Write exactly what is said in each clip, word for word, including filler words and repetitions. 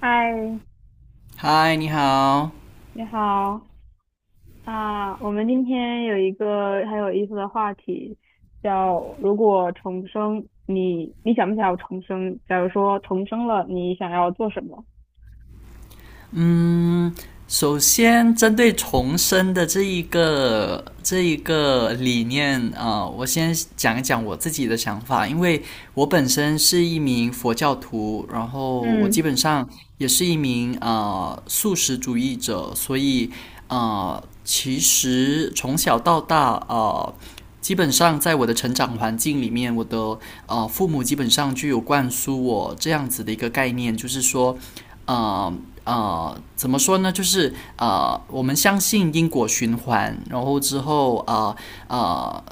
嗨，嗨，你好。你好啊！我们今天有一个很有意思的话题，叫如果重生，你你想不想要重生？假如说重生了，你想要做什么？嗯，首先针对重生的这一个这一个理念啊、呃我先讲一讲我自己的想法，因为我本身是一名佛教徒，然后我基嗯本上也是一名啊素食主义者，所以啊，其实从小到大啊，基本上在我的成长环境里面，我的啊父母基本上就有灌输我这样子的一个概念，就是说，呃呃，怎么说呢？就是呃，我们相信因果循环。然后之后啊啊。呃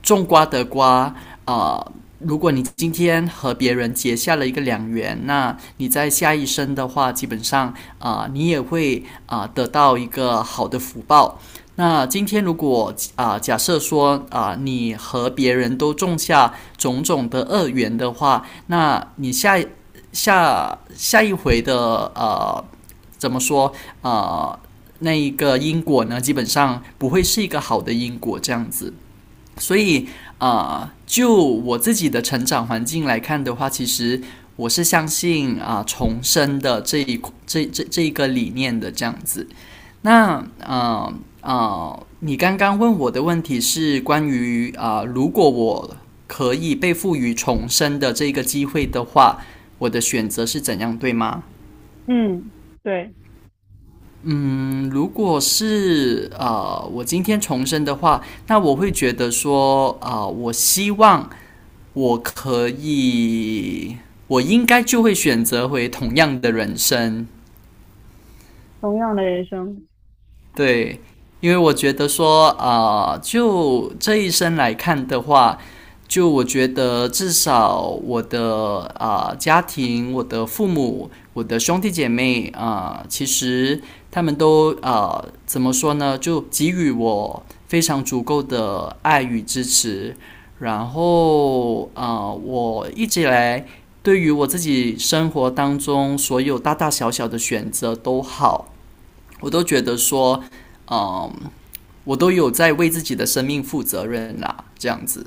种瓜得瓜，啊，如果你今天和别人结下了一个良缘，那你在下一生的话，基本上啊、呃你也会啊、呃得到一个好的福报。那今天如果啊、呃假设说啊、呃你和别人都种下种种的恶缘的话，那你下下下一回的呃怎么说啊？那一个因果呢，基本上不会是一个好的因果这样子。所以啊、呃就我自己的成长环境来看的话，其实我是相信啊、呃重生的这一这这这一个理念的这样子。那啊啊，你刚刚问我的问题是关于啊、呃如果我可以被赋予重生的这个机会的话，我的选择是怎样，对吗？嗯，对，嗯，如果是呃，我今天重生的话，那我会觉得说，啊、呃我希望我可以，我应该就会选择回同样的人生。同样的人生。对，因为我觉得说，啊，就这一生来看的话，就我觉得至少我的啊、家庭、我的父母、我的兄弟姐妹啊、其实他们都啊、怎么说呢？就给予我非常足够的爱与支持。然后啊、我一直以来对于我自己生活当中所有大大小小的选择都好。我都觉得说，嗯，我都有在为自己的生命负责任啦，这样子。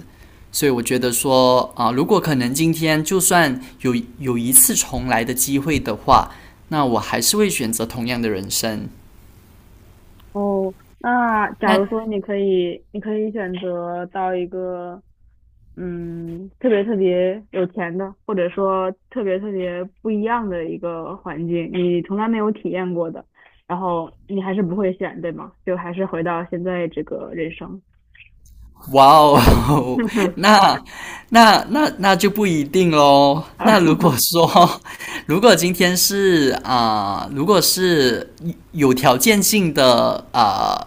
所以我觉得说，啊、呃如果可能，今天就算有有一次重来的机会的话，那我还是会选择同样的人生。哦，那假如那说你可以，你可以选择到一个嗯，特别特别有钱的，或者说特别特别不一样的一个环境，你从来没有体验过的，然后你还是不会选，对吗？就还是回到现在这个人生。哇哦，那那那那就不一定喽。那如果 说，如果今天是啊、如果是有条件性的啊、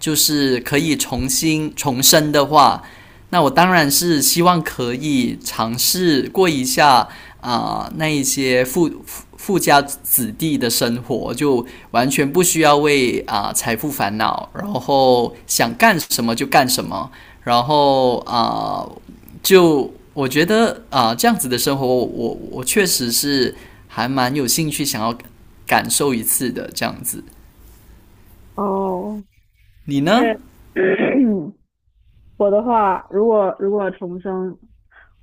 就是可以重新重生的话，那我当然是希望可以尝试过一下啊、呃那一些富富家子弟的生活，就完全不需要为啊、呃财富烦恼，然后想干什么就干什么，然后啊、呃就我觉得啊、呃这样子的生活我，我我确实是还蛮有兴趣想要感受一次的这样子。哦，你呢？对，我的话，如果如果重生，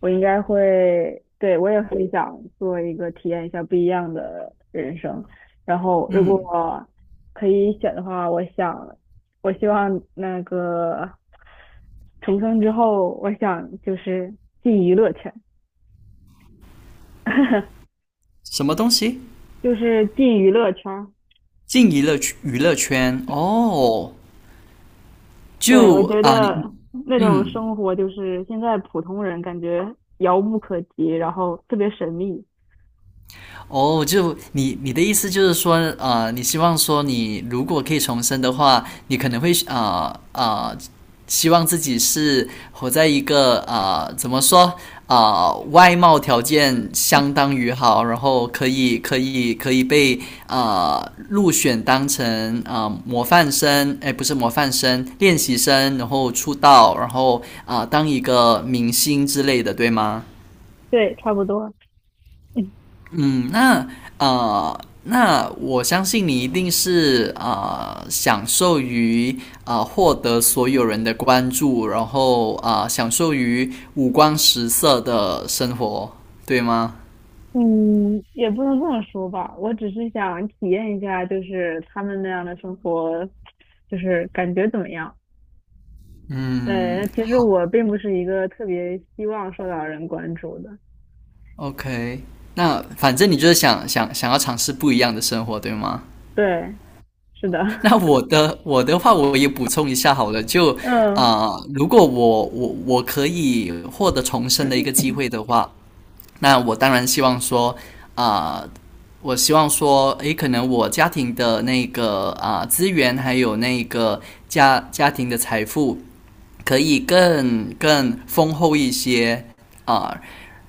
我应该会，对，我也很想做一个体验一下不一样的人生。然后，如果可以选的话，我想，我希望那个重生之后，我想就是进娱乐圈。什么东西？就是进娱乐圈儿。进娱乐娱乐圈哦，对，我就觉啊，你。得那种嗯。生活就是现在普通人感觉遥不可及，然后特别神秘。哦，就你你的意思就是说，啊，你希望说你如果可以重生的话，你可能会啊啊、呃呃希望自己是活在一个啊、呃怎么说啊、呃外貌条件相当于好，然后可以可以 可以被啊、呃入选当成啊、呃模范生，哎，不是模范生，练习生，然后出道，然后啊、呃当一个明星之类的，对吗？对，差不多。嗯，那呃，那我相信你一定是呃享受于呃获得所有人的关注，然后啊，享受于五光十色的生活，对吗？嗯，也不能这么说吧，我只是想体验一下，就是他们那样的生活，就是感觉怎么样？嗯对，其实我并不是一个特别希望受到人关注的。，OK。那反正你就是想想想要尝试不一样的生活，对吗？对，是的。那我的我的话，我也补充一下好了，就嗯，啊、呃如果我我我可以获得重生的一个机会的话，那我当然希望说，啊、呃我希望说，诶，可能我家庭的那个啊、呃资源，还有那个家家庭的财富，可以更更丰厚一些。啊、呃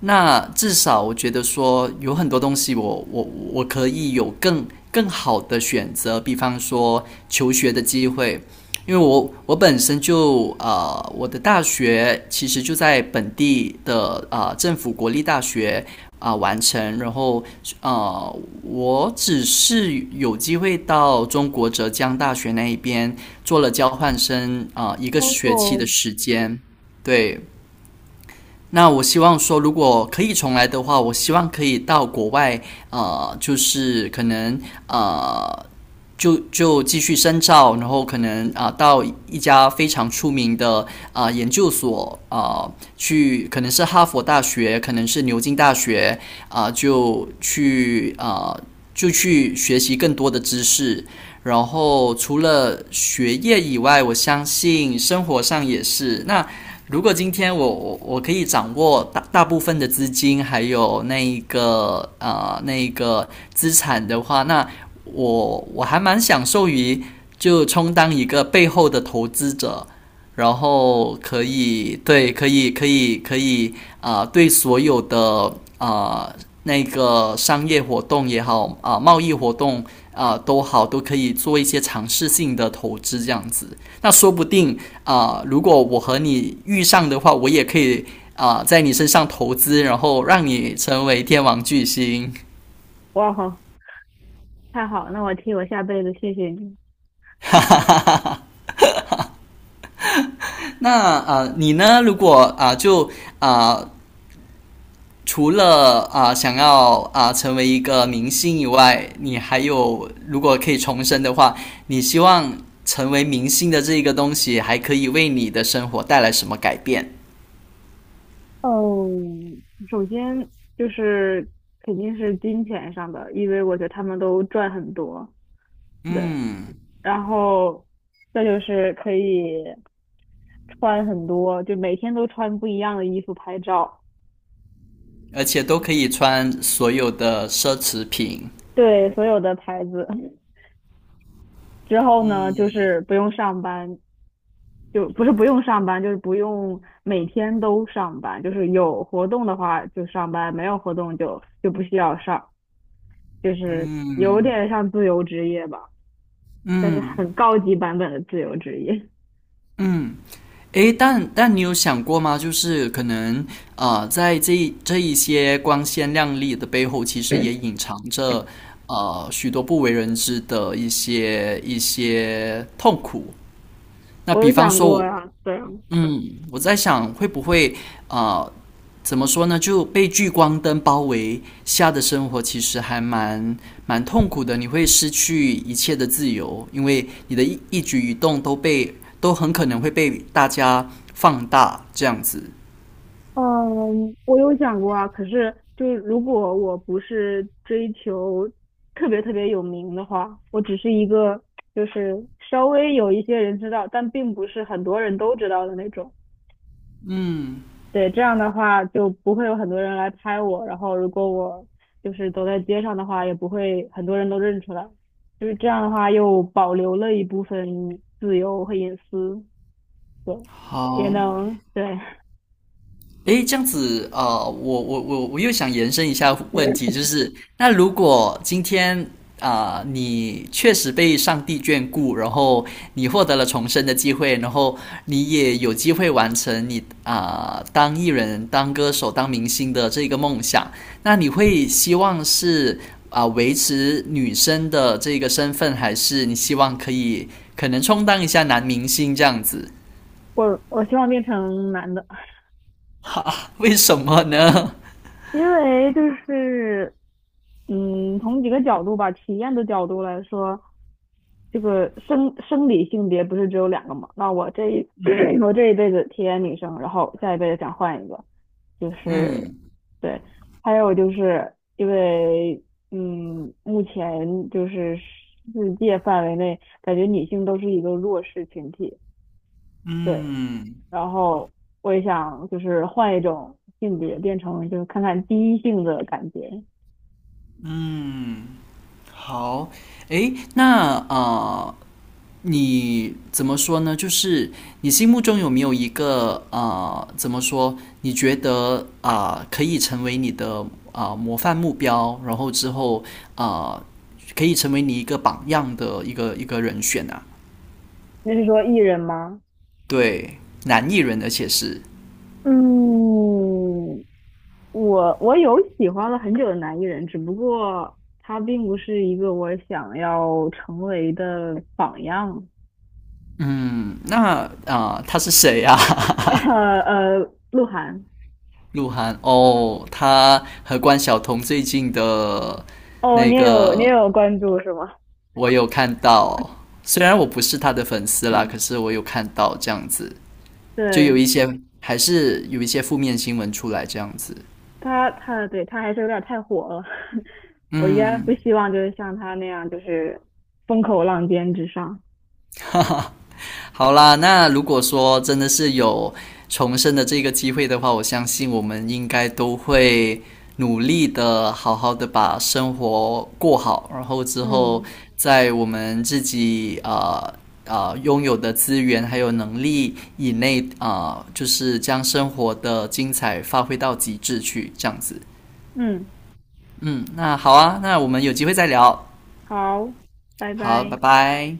那至少我觉得说有很多东西我我我可以有更更好的选择，比方说求学的机会，因为我我本身就呃我的大学其实就在本地的呃政府国立大学啊、呃完成，然后呃，我只是有机会到中国浙江大学那一边做了交换生啊、呃一个学期哦，的时间。对，那我希望说，如果可以重来的话，我希望可以到国外，呃，就是可能呃，就就继续深造，然后可能啊、呃到一家非常出名的啊、呃研究所啊、呃去，可能是哈佛大学，可能是牛津大学啊、呃就去啊、呃就去学习更多的知识。然后除了学业以外，我相信生活上也是，如果今天我我我可以掌握大大部分的资金，还有那一个呃那一个资产的话，那我我还蛮享受于就充当一个背后的投资者，然后可以对可以可以可以啊、呃对所有的啊呃那个商业活动也好啊、呃贸易活动啊、呃都好，都可以做一些尝试性的投资这样子。那说不定啊、呃如果我和你遇上的话，我也可以啊、呃在你身上投资，然后让你成为天王巨星。哇好，太好了，那我替我下辈子谢谢你。那啊、呃你呢？如果啊、呃就啊、呃除了啊、呃想要啊、呃成为一个明星以外，你还有如果可以重生的话，你希望成为明星的这个东西还可以为你的生活带来什么改变？哦，首先就是肯定是金钱上的，因为我觉得他们都赚很多，对。嗯，然后再就是可以。穿很多，就每天都穿不一样的衣服拍照，而且都可以穿所有的奢侈品。对所有的牌子。之后呢，就是不用上班，就不是不用上班，就是不用每天都上班，就是有活动的话就上班，没有活动就就不需要上，就是有嗯，点像自由职业吧，但是嗯很高级版本的自由职业。嗯，诶，但但你有想过吗？就是可能呃，在这一这一些光鲜亮丽的背后，其实也隐藏着呃许多不为人知的一些一些痛苦。那我比有方想说过我，啊，对。嗯，我在想会不会啊？呃怎么说呢？就被聚光灯包围下的生活，其实还蛮蛮痛苦的。你会失去一切的自由，因为你的一一举一动都被都很可能会被大家放大，这样子。嗯，我有想过啊，可是就是如果我不是追求特别特别有名的话，我只是一个就是稍微有一些人知道，但并不是很多人都知道的那种。嗯，对，这样的话就不会有很多人来拍我，然后如果我就是走在街上的话，也不会很多人都认出来。就是这样的话，又保留了一部分自由和隐私，对，也好，能，对。诶，这样子，呃，我我我我又想延伸一下问题，就是那如果今天啊、呃你确实被上帝眷顾，然后你获得了重生的机会，然后你也有机会完成你啊、呃当艺人、当歌手、当明星的这个梦想，那你会希望是啊、维持女生的这个身份，还是你希望可以可能充当一下男明星这样子？我我希望变成男的。为什么呢？因为就是，嗯，从几个角度吧，体验的角度来说，这个生生理性别不是只有两个嘛？那我这一 我这一辈子体验女生，然后下一辈子想换一个，就 是嗯。对。还有就是因为，嗯，目前就是世界范围内，感觉女性都是一个弱势群体，对。嗯然后我也想就是换一种性别，变成就是看看第一性的感觉。嗯，好，诶，那呃，你怎么说呢？就是你心目中有没有一个呃，怎么说？你觉得啊、呃可以成为你的啊、呃模范目标，然后之后啊、呃可以成为你一个榜样的一个一个人选啊？那是说艺人吗？对，男艺人，而且是，嗯，我我有喜欢了很久的男艺人，只不过他并不是一个我想要成为的榜样。嗯，那啊、呃他是谁啊？呃呃，鹿晗。鹿晗哦，他和关晓彤最近的哦，那你也有你也个有关注是吗？我有看到，虽然我不是他的粉丝啦，可是 我有看到这样子，就有对，一些还是有一些负面新闻出来这样子。他他对他还是有点太火了。我应该不嗯，希望就是像他那样，就是风口浪尖之上。哈哈，好啦，那如果说真的是有重生的这个机会的话，我相信我们应该都会努力的，好好的把生活过好，然后之后嗯在我们自己呃呃拥有的资源还有能力以内，啊、呃就是将生活的精彩发挥到极致去，这样子。嗯，嗯，那好啊，那我们有机会再聊。好，拜好，拜。拜拜。